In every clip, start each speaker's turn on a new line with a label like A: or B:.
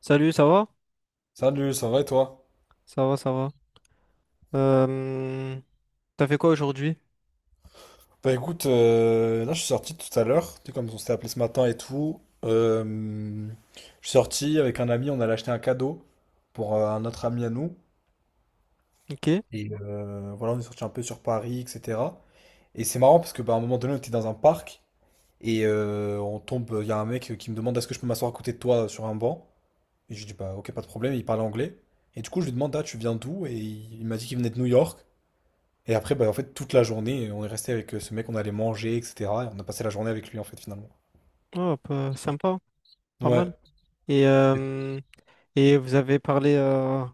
A: Salut, ça va?
B: Salut, ça va et toi?
A: Ça va, ça va. Euh, T'as fait quoi aujourd'hui?
B: Bah écoute, là je suis sorti tout à l'heure, tu sais, comme on s'était appelé ce matin et tout. Je suis sorti avec un ami, on allait acheter un cadeau pour un autre ami à nous.
A: Ok.
B: Et voilà, on est sorti un peu sur Paris, etc. Et c'est marrant parce que bah, à un moment donné, on était dans un parc et on tombe, il y a un mec qui me demande est-ce que je peux m'asseoir à côté de toi sur un banc? Et je lui dis bah ok, pas de problème, il parle anglais. Et du coup, je lui demande ah, tu viens d'où? Et il m'a dit qu'il venait de New York. Et après, bah, en fait, toute la journée, on est resté avec ce mec, on allait manger, etc. Et on a passé la journée avec lui, en fait, finalement.
A: Oh, sympa, pas
B: Ouais.
A: mal. Et, euh, et vous avez parlé.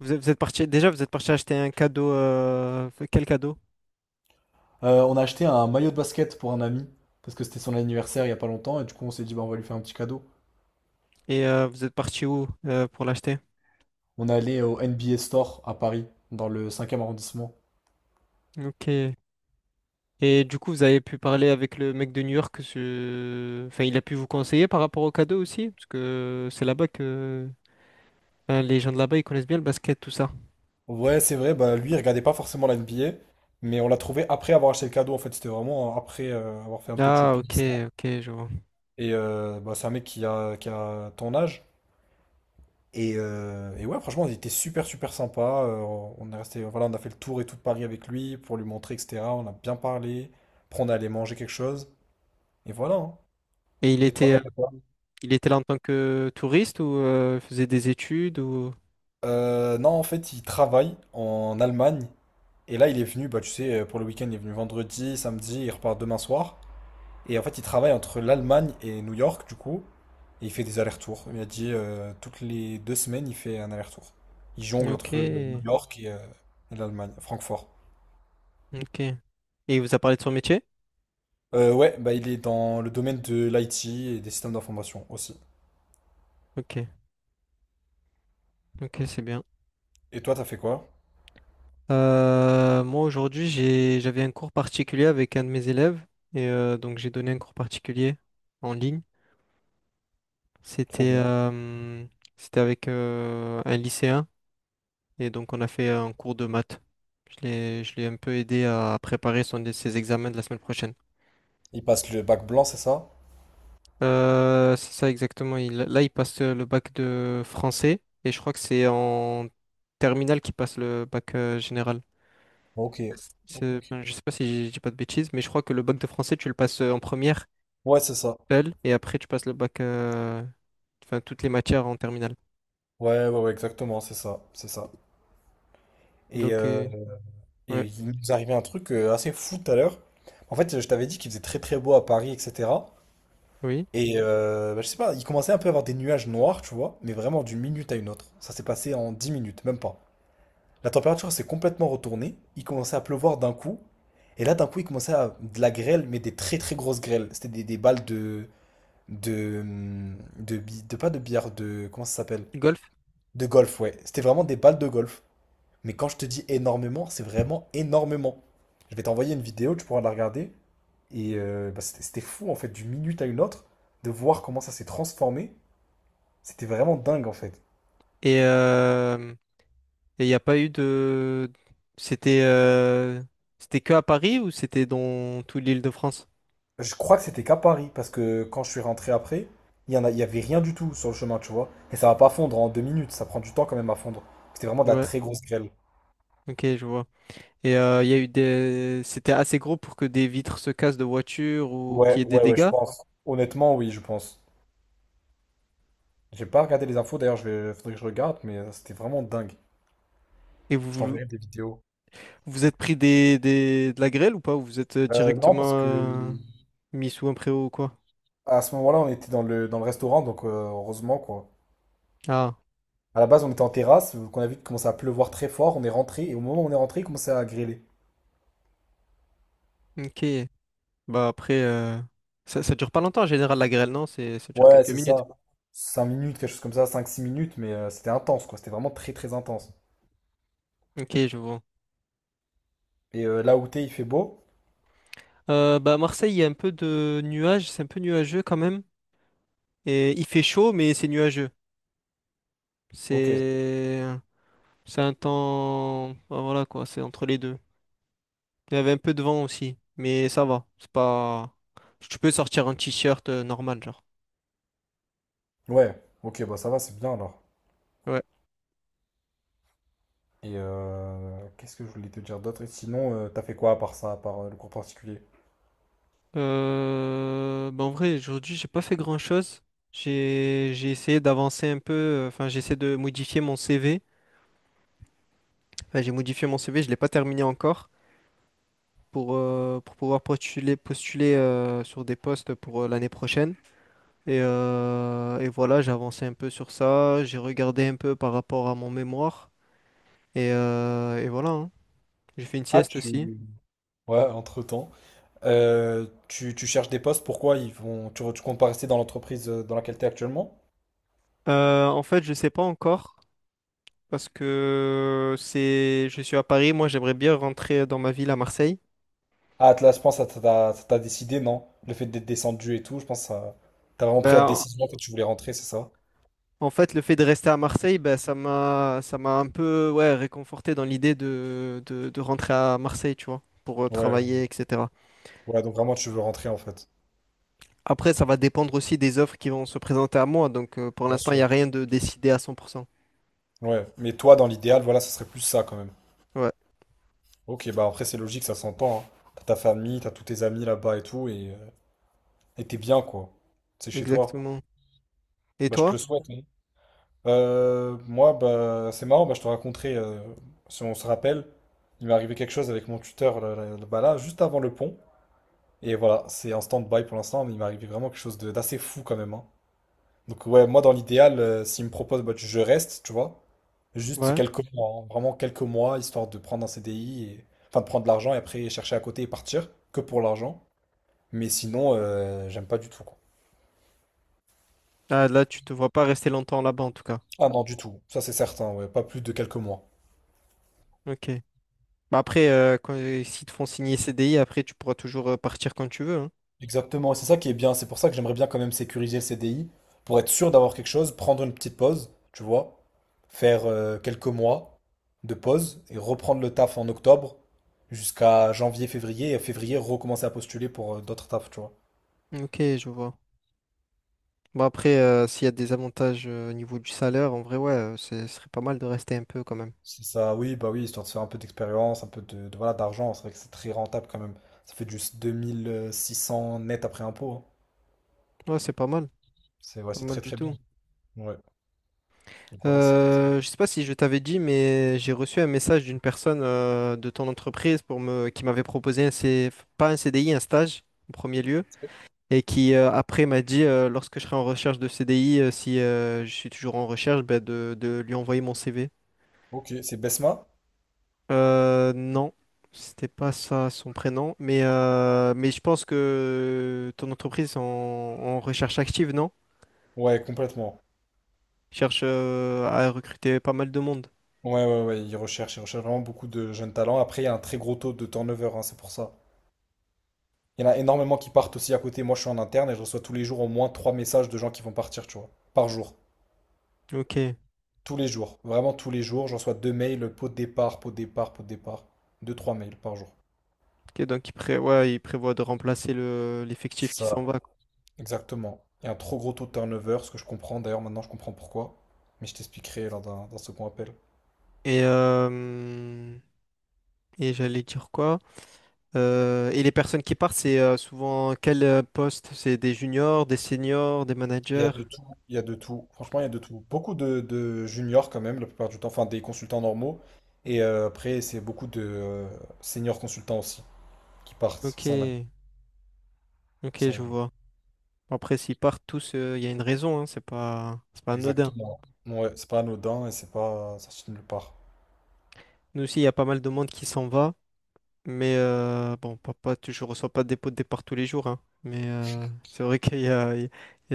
A: vous êtes parti, déjà, vous êtes parti acheter un cadeau. Quel cadeau?
B: On a acheté un maillot de basket pour un ami, parce que c'était son anniversaire il y a pas longtemps, et du coup, on s'est dit, bah, on va lui faire un petit cadeau.
A: Et vous êtes parti où pour l'acheter?
B: On est allé au NBA Store à Paris, dans le cinquième arrondissement.
A: Ok. Et du coup, vous avez pu parler avec le mec de New York. Enfin, il a pu vous conseiller par rapport au cadeau aussi? Parce que c'est là-bas que. Enfin, les gens de là-bas, ils connaissent bien le basket, tout ça.
B: Ouais, c'est vrai, bah, lui, il regardait pas forcément la NBA, mais on l'a trouvé après avoir acheté le cadeau, en fait. C'était vraiment après avoir fait un peu de
A: Ah,
B: shopping.
A: ok, ok, je vois.
B: Et bah, c'est un mec qui a ton âge. Et ouais, franchement, il était super, super sympa. On est resté, voilà, on a fait le tour et tout de Paris avec lui pour lui montrer, etc. On a bien parlé. Après, on est allé manger quelque chose. Et voilà. Hein.
A: Et il
B: Et
A: était.
B: toi?
A: Il était là en tant que touriste ou il faisait des études ou...
B: Non, en fait, il travaille en Allemagne. Et là, il est venu, bah, tu sais, pour le week-end, il est venu vendredi, samedi, il repart demain soir. Et en fait, il travaille entre l'Allemagne et New York, du coup. Et il fait des allers-retours. Il a dit, toutes les 2 semaines, il fait un aller-retour. Il jongle
A: Ok,
B: entre New York et l'Allemagne, Francfort.
A: ok. Et il vous a parlé de son métier?
B: Ouais, bah il est dans le domaine de l'IT et des systèmes d'information aussi.
A: Ok, ok, c'est bien.
B: Et toi, t'as fait quoi?
A: Moi aujourd'hui j'avais un cours particulier avec un de mes élèves et donc j'ai donné un cours particulier en ligne.
B: Trop
A: C'était
B: bien.
A: euh, c'était avec un lycéen et donc on a fait un cours de maths. Je l'ai un peu aidé à préparer ses examens de la semaine prochaine.
B: Il passe le bac blanc, c'est ça?
A: C'est ça exactement. Là, il passe le bac de français et je crois que c'est en terminale qu'il passe le bac général.
B: Ok. Ok, ok.
A: Enfin, je sais pas si je dis pas de bêtises, mais je crois que le bac de français, tu le passes en première
B: Ouais, c'est ça.
A: seul et après tu passes le bac, enfin toutes les matières en terminale.
B: Ouais, ouais, ouais, exactement, c'est ça, c'est ça. Et,
A: Donc,
B: euh, et
A: ouais,
B: il nous arrivait un truc assez fou tout à l'heure. En fait, je t'avais dit qu'il faisait très très beau à Paris, etc.
A: oui,
B: Et bah, je sais pas, il commençait un peu à avoir des nuages noirs, tu vois, mais vraiment d'une minute à une autre. Ça s'est passé en 10 minutes, même pas. La température s'est complètement retournée. Il commençait à pleuvoir d'un coup. Et là, d'un coup, il commençait à de la grêle, mais des très très grosses grêles. C'était des balles de, pas de billard, de. Comment ça s'appelle?
A: golf.
B: De golf, ouais. C'était vraiment des balles de golf. Mais quand je te dis énormément, c'est vraiment énormément. Je vais t'envoyer une vidéo, tu pourras la regarder. Et bah, c'était fou, en fait, d'une minute à une autre, de voir comment ça s'est transformé. C'était vraiment dingue, en fait.
A: Et euh, et il n'y a pas eu de. C'était euh, c'était que à Paris ou c'était dans toute l'Île-de-France?
B: Je crois que c'était qu'à Paris, parce que quand je suis rentré après, il y avait rien du tout sur le chemin, tu vois. Et ça va pas fondre en 2 minutes, ça prend du temps quand même à fondre. C'était vraiment de la
A: Ouais,
B: très grosse grêle.
A: ok, je vois. Et il y a eu des... C'était assez gros pour que des vitres se cassent de voiture ou
B: Ouais,
A: qu'il y ait des
B: ouais, ouais, je
A: dégâts.
B: pense. Honnêtement, oui, je pense. J'ai pas regardé les infos, d'ailleurs, faudrait que je regarde, mais c'était vraiment dingue.
A: Et vous
B: Je
A: vous
B: t'enverrai des vidéos.
A: vous êtes pris de la grêle ou pas? Ou vous êtes
B: Non,
A: directement
B: parce que
A: mis sous un préau ou quoi?
B: à ce moment-là, on était dans le restaurant, donc heureusement, quoi.
A: Ah,
B: À la base, on était en terrasse, qu'on a vu qu'il commençait à pleuvoir très fort, on est rentré, et au moment où on est rentré, il commençait à grêler.
A: ok. Bah après, ça dure pas longtemps en général la grêle, non? Ça dure
B: Ouais,
A: quelques
B: c'est
A: minutes.
B: ça. 5 minutes, quelque chose comme ça, 5 6 minutes, mais c'était intense, quoi. C'était vraiment très très intense.
A: Ok, je vois.
B: Et là où t'es, il fait beau.
A: Bah à Marseille, il y a un peu de nuages, c'est un peu nuageux quand même. Et il fait chaud, mais c'est nuageux.
B: Ok.
A: C'est, c'est un temps, bah, voilà quoi, c'est entre les deux. Il y avait un peu de vent aussi, mais ça va. C'est pas. Tu peux sortir un t-shirt normal, genre.
B: Ouais, ok, bah ça va, c'est bien alors.
A: Ouais.
B: Et qu'est-ce que je voulais te dire d'autre? Et sinon, t'as fait quoi à part ça, à part le cours particulier?
A: Bah, en vrai, aujourd'hui, j'ai pas fait grand-chose. J'ai essayé d'avancer un peu. Enfin, j'ai essayé de modifier mon CV. Enfin, j'ai modifié mon CV, je l'ai pas terminé encore pour pouvoir postuler sur des postes pour l'année prochaine. Et voilà, j'ai avancé un peu sur ça. J'ai regardé un peu par rapport à mon mémoire. Et voilà, hein. J'ai fait une
B: Ah,
A: sieste
B: tu...
A: aussi.
B: Ouais, entre-temps. Tu cherches des postes, pourquoi ils vont... Tu comptes pas rester dans l'entreprise dans laquelle t'es actuellement?
A: En fait, je sais pas encore parce que je suis à Paris. Moi, j'aimerais bien rentrer dans ma ville à Marseille.
B: Ah, Atlas, je pense que ça t'a décidé, non? Le fait d'être descendu et tout, je pense que ça... T'as vraiment pris la
A: Ben,
B: décision quand tu voulais rentrer, c'est ça?
A: en fait, le fait de rester à Marseille, ben, ça m'a un peu, ouais, réconforté dans l'idée de rentrer à Marseille, tu vois, pour
B: Ouais.
A: travailler, etc.
B: Ouais, donc vraiment tu veux rentrer en fait.
A: Après, ça va dépendre aussi des offres qui vont se présenter à moi. Donc, pour
B: Bien
A: l'instant, il n'y
B: sûr.
A: a rien de décidé à 100%.
B: Ouais, mais toi dans l'idéal, voilà, ça serait plus ça quand même.
A: Ouais,
B: Ok, bah après c'est logique, ça s'entend. Hein. T'as ta famille, t'as tous tes amis là-bas et tout, et t'es bien quoi. C'est chez toi.
A: exactement. Et
B: Bah je te
A: toi?
B: le souhaite. Hein. Moi, bah c'est marrant, bah je te raconterai, si on se rappelle, il m'est arrivé quelque chose avec mon tuteur là, juste avant le pont. Et voilà, c'est en stand-by pour l'instant, mais il m'est arrivé vraiment quelque chose d'assez fou quand même. Hein. Donc ouais, moi dans l'idéal, s'il me propose, bah, je reste, tu vois. Juste
A: Ouais.
B: quelques mois, hein, vraiment quelques mois, histoire de prendre un CDI, et... enfin de prendre de l'argent et après chercher à côté et partir, que pour l'argent. Mais sinon, j'aime pas du tout, quoi.
A: Ah, là, tu te vois pas rester longtemps là-bas, en tout cas.
B: Ah non, du tout, ça c'est certain, ouais, pas plus de quelques mois.
A: Ok. Bah après, s'ils te font signer CDI, après, tu pourras toujours partir quand tu veux, hein.
B: Exactement, et c'est ça qui est bien, c'est pour ça que j'aimerais bien quand même sécuriser le CDI, pour être sûr d'avoir quelque chose, prendre une petite pause, tu vois, faire quelques mois de pause et reprendre le taf en octobre jusqu'à janvier, février, et février recommencer à postuler pour d'autres tafs, tu vois.
A: Ok, je vois. Bah après, s'il y a des avantages au niveau du salaire, en vrai, ouais, ce serait pas mal de rester un peu quand même.
B: C'est ça, oui, bah oui, histoire de se faire un peu d'expérience, un peu voilà, d'argent, c'est vrai que c'est très rentable quand même. Ça fait juste cents net après impôt, hein.
A: Ouais, c'est pas mal.
B: C'est ouais,
A: Pas
B: c'est
A: mal
B: très
A: du
B: très bien.
A: tout.
B: Ouais, donc voilà, c'est
A: Je sais pas si je t'avais dit, mais j'ai reçu un message d'une personne de ton entreprise pour qui m'avait proposé un pas un CDI, un stage en premier lieu. Et qui après m'a dit, lorsque je serai en recherche de CDI, si je suis toujours en recherche, bah, de lui envoyer mon CV.
B: Ok, c'est Besma?
A: Non, c'était pas ça son prénom, mais je pense que ton entreprise en recherche active, non?
B: Ouais, complètement.
A: Cherche à recruter pas mal de monde.
B: Ouais, ouais, ouais, ils recherchent vraiment beaucoup de jeunes talents. Après, il y a un très gros taux de turnover, hein, c'est pour ça. Il y en a énormément qui partent aussi à côté. Moi, je suis en interne et je reçois tous les jours au moins 3 messages de gens qui vont partir, tu vois. Par jour.
A: Ok,
B: Tous les jours. Vraiment tous les jours. Je reçois 2 mails, pot de départ, pot de départ, pot de départ. 2, 3 mails par jour.
A: ok, donc ouais, il prévoit de remplacer l'effectif
B: C'est
A: qui s'en
B: ça.
A: va, quoi.
B: Exactement. Il y a un trop gros taux de turnover, ce que je comprends. D'ailleurs, maintenant, je comprends pourquoi. Mais je t'expliquerai lors d'un second appel.
A: Et, euh, et j'allais dire quoi? Et les personnes qui partent, c'est souvent quel poste? C'est des juniors, des seniors, des
B: Il y a
A: managers?
B: de tout, il y a de tout. Franchement, il y a de tout. Beaucoup de juniors quand même, la plupart du temps, enfin des consultants normaux. Et après, c'est beaucoup de seniors consultants aussi qui partent, qui
A: Ok,
B: s'en aillent, qui
A: ok,
B: s'en
A: je
B: vont.
A: vois. Bon, après, s'ils partent tous, il y a une raison, hein, c'est pas anodin.
B: Exactement. Ouais, c'est pas anodin et c'est pas sorti de nulle part.
A: Nous aussi, il y a pas mal de monde qui s'en va, mais bon, papa, je reçois pas des pots de départ tous les jours, hein. Mais c'est vrai qu'il y a, il y a-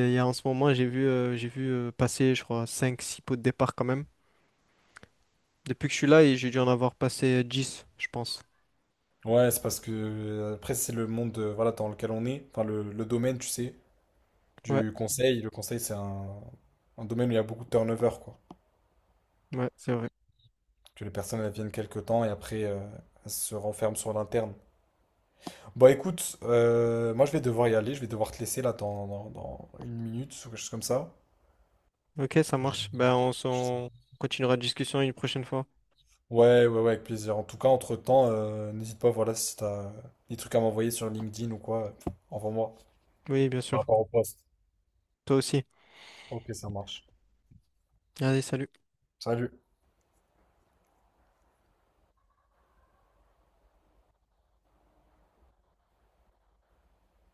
A: il y a en ce moment, j'ai vu passer, je crois, cinq six pots de départ quand même. Depuis que je suis là, et j'ai dû en avoir passé 10 je pense.
B: Ouais, c'est parce que après, c'est le monde voilà, dans lequel on est, enfin le domaine, tu sais,
A: Ouais,
B: du conseil. Le conseil, c'est un domaine où il y a beaucoup de turnover, quoi.
A: ouais, c'est vrai.
B: Que les personnes elles viennent quelques temps et après, elles se renferment sur l'interne. Bon, écoute, moi je vais devoir y aller, je vais devoir te laisser là dans une minute ou quelque chose comme ça.
A: Ok,
B: Parce
A: ça
B: que j'ai-
A: marche. Ben, on continuera la discussion une prochaine fois.
B: Ouais, ouais, ouais, avec plaisir. En tout cas, entre-temps, n'hésite pas, voilà, si t'as des trucs à m'envoyer sur LinkedIn ou quoi, envoie-moi.
A: Oui, bien
B: Par
A: sûr.
B: rapport au poste.
A: Toi aussi.
B: Ok, ça marche.
A: Allez, salut.
B: Salut.